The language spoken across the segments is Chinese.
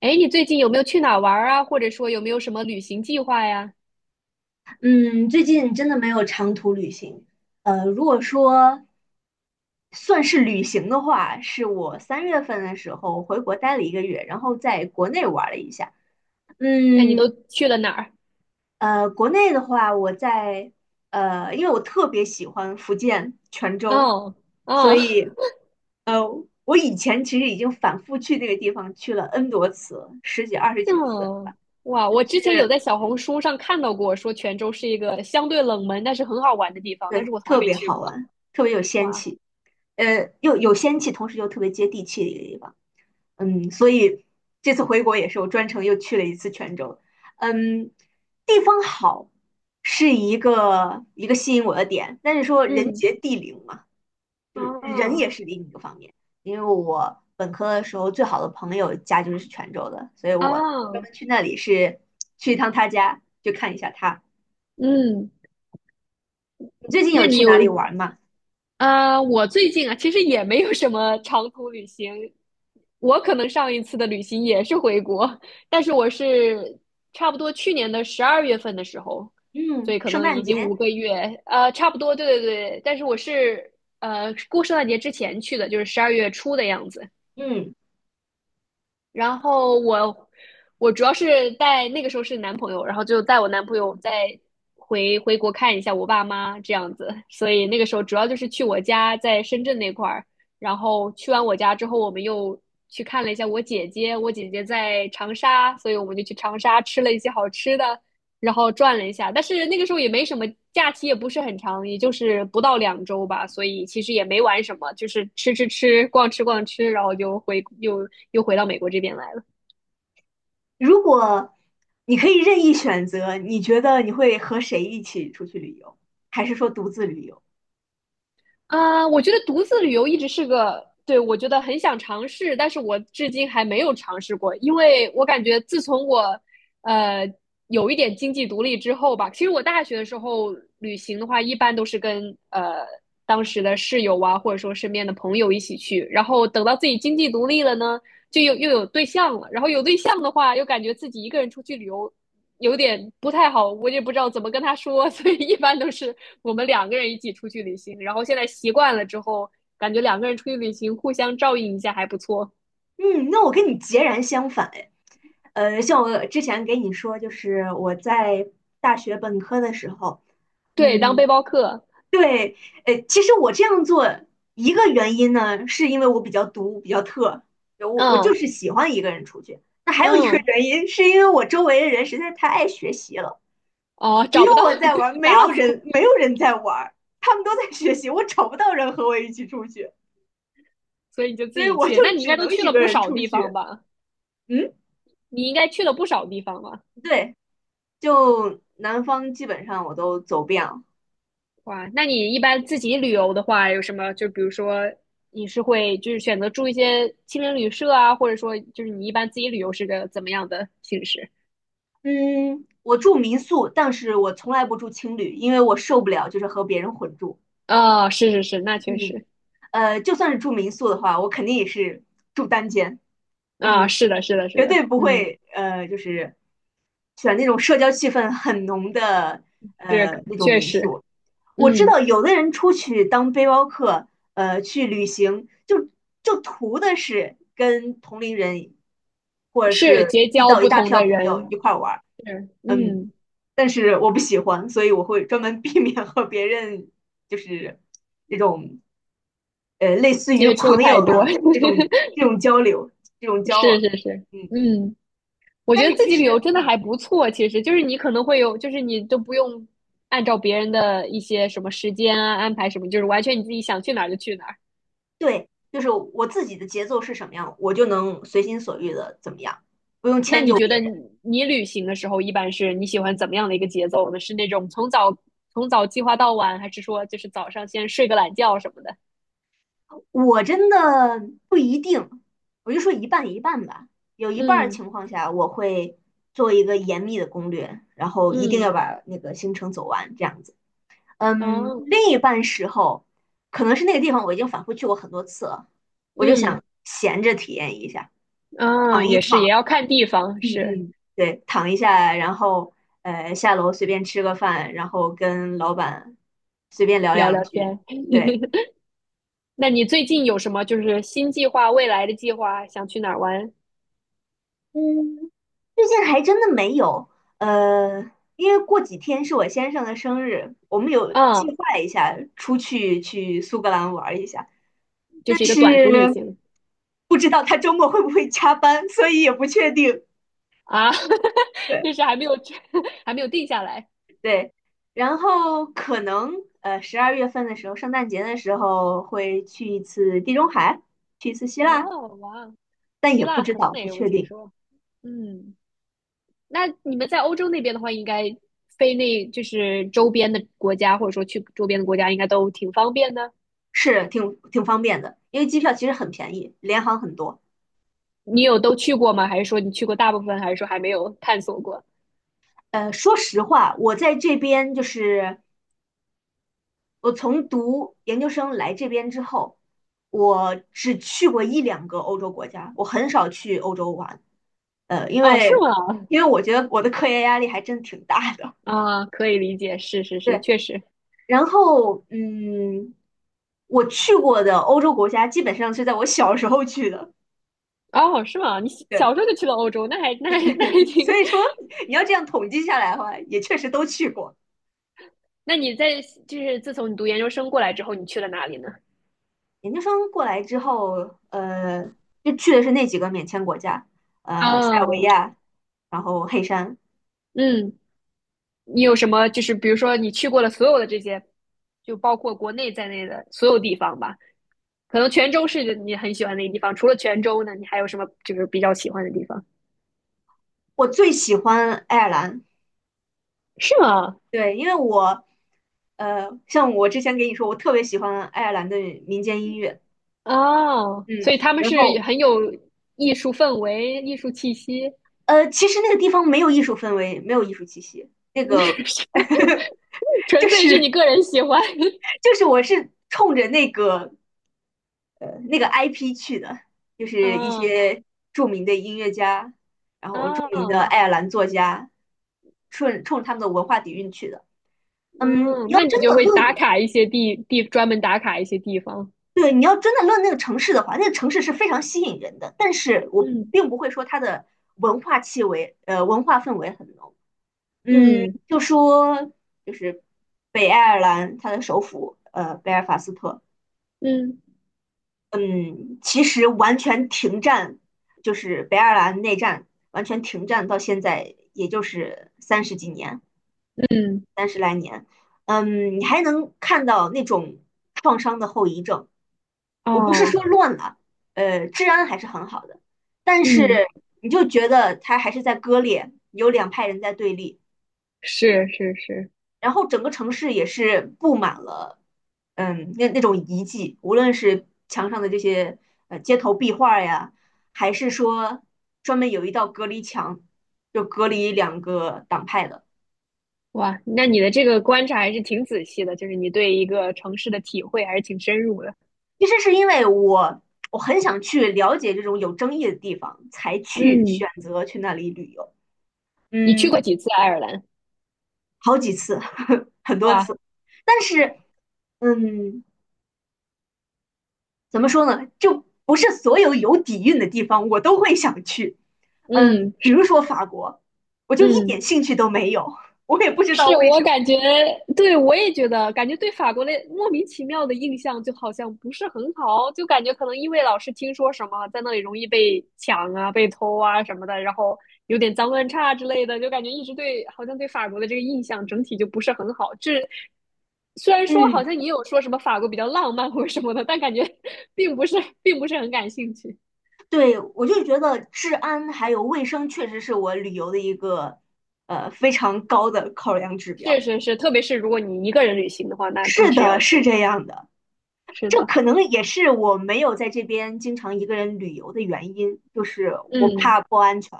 哎，你最近有没有去哪儿玩儿啊？或者说有没有什么旅行计划呀？嗯，最近真的没有长途旅行。如果说算是旅行的话，是我3月份的时候回国待了1个月，然后在国内玩了一下。那你都嗯，去了哪儿？国内的话，因为我特别喜欢福建泉州，哦。所哦。以呃，我以前其实已经反复去那个地方去了 N 多次，十几、二十 几次，哦。哇！我之是，前有在小红书上看到过，说泉州是一个相对冷门但是很好玩的地方，但对，是我从来特没别去好过。玩，特别有仙哇。气。又有仙气，同时又特别接地气的一个地方。所以这次回国也是我专程又去了一次泉州。嗯，地方好是一个吸引我的点，但是说人嗯。杰地灵嘛，就是人哦。也是另一个方面。因为我本科的时候最好的朋友家就是泉州的，所以我专哦。门去那里是去一趟他家，就看一下他。嗯。你最近有那你去哪有？里玩吗？啊，我最近啊，其实也没有什么长途旅行，我可能上一次的旅行也是回国，但是我是差不多去年的12月份的时候，所嗯，以可圣能诞已节。经5个月，差不多，对对对，但是我是过圣诞节之前去的，就是12月初的样子。嗯。然后我主要是带那个时候是男朋友，然后就带我男朋友再回国看一下我爸妈这样子，所以那个时候主要就是去我家在深圳那块儿，然后去完我家之后，我们又去看了一下我姐姐，我姐姐在长沙，所以我们就去长沙吃了一些好吃的，然后转了一下，但是那个时候也没什么假期，也不是很长，也就是不到2周吧，所以其实也没玩什么，就是吃吃吃，逛吃逛吃，然后就又回到美国这边来了。如果你可以任意选择，你觉得你会和谁一起出去旅游，还是说独自旅游？啊，我觉得独自旅游一直是个，对，我觉得很想尝试，但是我至今还没有尝试过，因为我感觉自从我，呃，有一点经济独立之后吧，其实我大学的时候旅行的话，一般都是跟当时的室友啊，或者说身边的朋友一起去，然后等到自己经济独立了呢，就又有对象了，然后有对象的话，又感觉自己一个人出去旅游有点不太好，我也不知道怎么跟他说，所以一般都是我们2个人一起出去旅行。然后现在习惯了之后，感觉两个人出去旅行互相照应一下还不错。嗯，那我跟你截然相反哎。像我之前给你说，就是我在大学本科的时候，对，当背嗯，包客。对，其实我这样做一个原因呢，是因为我比较独，比较特，我就嗯是喜欢一个人出去。那还有一个嗯。原因，是因为我周围的人实在太爱学习了。哦，只找有不到 我 在对玩，没搭有子。人没有人在玩，他们都在学习，我找不到人和我一起出去，所以你就自所以己我就去。那你应只该都能去一了个不人少出地方去。吧？嗯，你应该去了不少地方吧？对，就南方基本上我都走遍了。哇，那你一般自己旅游的话，有什么？就比如说，你是会就是选择住一些青年旅社啊，或者说就是你一般自己旅游是个怎么样的形式？嗯，我住民宿，但是我从来不住青旅，因为我受不了就是和别人混住。啊？是是是，那确嗯，实。就算是住民宿的话，我肯定也是住单间。啊，嗯，是的，是的，是绝的。对不嗯。会就是选那种社交气氛很浓的是。那种确民实。宿。我知嗯。道有的人出去当背包客，去旅行，就图的是跟同龄人，或者是是结遇交到一不大同票的朋友一人。块儿玩儿，是。嗯，嗯。但是我不喜欢，所以我会专门 避免和别人就是这种类似于接触朋太友多。的这种交流、这种 交是往，是是。嗯。嗯。我觉但得是自其己旅游实真的还不错，其实就是你可能会有，就是你都不用按照别人的一些什么时间啊安排什么，就是完全你自己想去哪儿就去哪儿。对，就是我自己的节奏是什么样，我就能随心所欲的怎么样，不用那迁你就觉别得你人。你旅行的时候，一般是你喜欢怎么样的一个节奏呢？是那种从早计划到晚，还是说就是早上先睡个懒觉什么的？我真的不一定，我就说一半一半吧。有一半儿嗯情况下，我会做一个严密的攻略，然后一定要嗯。把那个行程走完，这样子。嗯，哦。另一半时候，可能是那个地方我已经反复去过很多次了，我就嗯。想闲着体验一下，啊，躺一也是，也躺。要看地方。嗯是。嗯，对，躺一下，然后下楼随便吃个饭，然后跟老板随便聊聊两聊句。天。对，那你最近有什么就是新计划、未来的计划，想去哪儿玩？嗯，最近还真的没有，呃，因为过几天是我先生的生日，我们有计嗯。划一下出去去苏格兰玩一下，就但是一个短途旅是行不知道他周末会不会加班，所以也不确定。啊。对。就是还没有 还没有定下来。对，然后可能12月份的时候，圣诞节的时候会去一次地中海，去一次希腊，哦。哇，但希也不腊知很道，不美，我确听定，说。嗯，那你们在欧洲那边的话，应该飞那就是周边的国家，或者说去周边的国家，应该都挺方便的。是挺方便的，因为机票其实很便宜，联航很多。你有都去过吗？还是说你去过大部分，还是说还没有探索过？说实话，我在这边就是我从读研究生来这边之后，我只去过一两个欧洲国家，我很少去欧洲玩，呃，因哦，是为吗？因为我觉得我的科研压力还真挺大的。啊，可以理解，是是 是，对，确实。然后，嗯，我去过的欧洲国家基本上是在我小时候去的，哦，是吗？你小对，时候就去了欧洲，那还 挺。所以说 你要这样统计下来的话，也确实都去过。那你在就是自从你读研究生过来之后，你去了哪里呢？研究生过来之后，就去的是那几个免签国家，塞尔维哦。亚，然后黑山。嗯。你有什么就是比如说你去过了所有的这些，就包括国内在内的所有地方吧？可能泉州是你很喜欢的一个地方，除了泉州呢，你还有什么就是比较喜欢的地方？我最喜欢爱尔兰，是吗？对，因为我，像我之前给你说，我特别喜欢爱尔兰的民间音乐，哦，嗯，所以他们然是后很有艺术氛围、艺术气息。其实那个地方没有艺术氛围，没有艺术气息。就纯粹是你是个人喜欢。就是我是冲着那个 IP 去的，就是一哦。些著名的音乐家，然后著名的哦。爱尔兰作家，顺冲他们的文化底蕴去的。嗯，嗯，你要那你真就的会打论，卡一些地地，专门打卡一些地方。对，你要真的论那个城市的话，那个城市是非常吸引人的，但是我嗯并不会说它的文化气味，文化氛围很浓。嗯，嗯就是北爱尔兰，它的首府贝尔法斯特，嗯嗯，其实完全停战，就是北爱尔兰内战完全停战到现在，也就是三十几年，嗯。三十来年，嗯，你还能看到那种创伤的后遗症。我不是哦。说乱了，治安还是很好的，但嗯。是你就觉得它还是在割裂，有两派人在对立。是是是。然后整个城市也是布满了，嗯，那种遗迹，无论是墙上的这些街头壁画呀，还是说专门有一道隔离墙，就隔离两个党派的。哇，那你的这个观察还是挺仔细的，就是你对一个城市的体会还是挺深入的。其实是因为我很想去了解这种有争议的地方，才去嗯，选择去那里旅游。你嗯，去过几次爱尔兰？好几次，很多哇。次，但是嗯，怎么说呢，就不是所有有底蕴的地方我都会想去。嗯，嗯。比是。如说法国，我就一嗯。点兴趣都没有，我也不知道是为什我么。感觉，对我也觉得，感觉对法国的莫名其妙的印象就好像不是很好，就感觉可能因为老是听说什么在那里容易被抢啊、被偷啊什么的，然后有点脏乱差之类的，就感觉一直对好像对法国的这个印象整体就不是很好。这虽然说好嗯，像你有说什么法国比较浪漫或者什么的，但感觉 并不是并不是很感兴趣。对，我就觉得治安还有卫生确实是我旅游的一个非常高的考量指是标。是是，特别是如果你一个人旅行的话，那更是是的，要注是这意。样的。是这的。可能也是我没有在这边经常一个人旅游的原因，就是我嗯。怕不安全。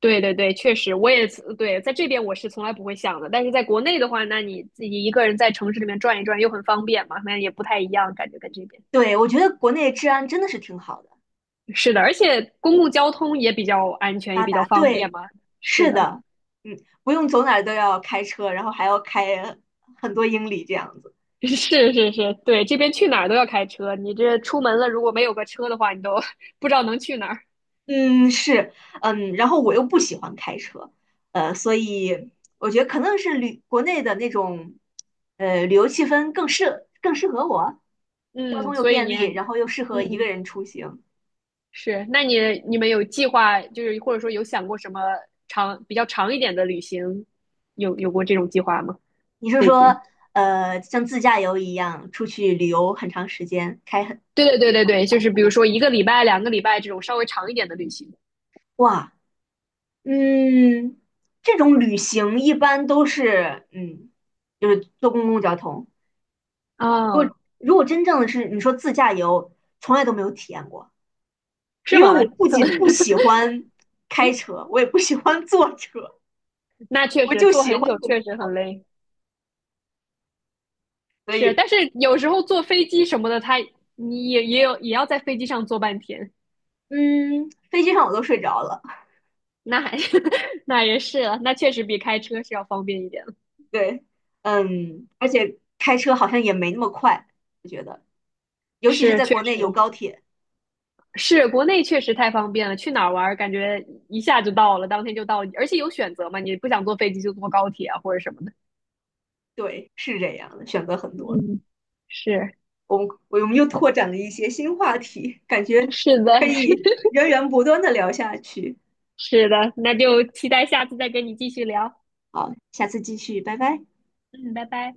对对对，确实，我也对，在这边我是从来不会想的，但是在国内的话，那你自己一个人在城市里面转一转又很方便嘛，那也不太一样，感觉跟这边对，我觉得国内治安真的是挺好的，是的，而且公共交通也比较安全，也发比较达。方对，便嘛。是是的。的，嗯，不用走哪儿都要开车，然后还要开很多英里这样子。是是是，对，这边去哪儿都要开车，你这出门了如果没有个车的话，你都 不知道能去哪儿。嗯，是，嗯，然后我又不喜欢开车，所以我觉得可能是旅国内的那种，旅游气氛更适合我，交通嗯，又所以便你。利，然后又适合一个嗯，人出行。是，那你们有计划，就是或者说有想过什么比较长一点的旅行，有过这种计划吗？你是最近。说，像自驾游一样出去旅游很长时间，开很对对对很对长对，就长是比如途？说1个礼拜、2个礼拜这种稍微长一点的旅行。哇，嗯，这种旅行一般都是，就是坐公共交通。哦，如果真正的是你说自驾游，从来都没有体验过。是因为吗？我 不仅不喜欢开车，我也不喜欢坐车，那确我实就坐喜欢很久公共确实交很通。累。所是，以，但是有时候坐飞机什么的，你也有也要在飞机上坐半天。嗯，飞机上我都睡着了。那还 那也是了，那确实比开车是要方便一点了。对，嗯，而且开车好像也没那么快，我觉得，尤其是是，在确实国内有高铁，是国内确实太方便了，去哪儿玩儿感觉一下就到了，当天就到了，而且有选择嘛，你不想坐飞机就坐高铁啊或者什么的。对，是这样的，选择很多。嗯，是 我们又拓展了一些新话题，感 觉是的。可以源源不断的聊下去。是的，那就期待下次再跟你继续聊。好，下次继续，拜拜。嗯，拜拜。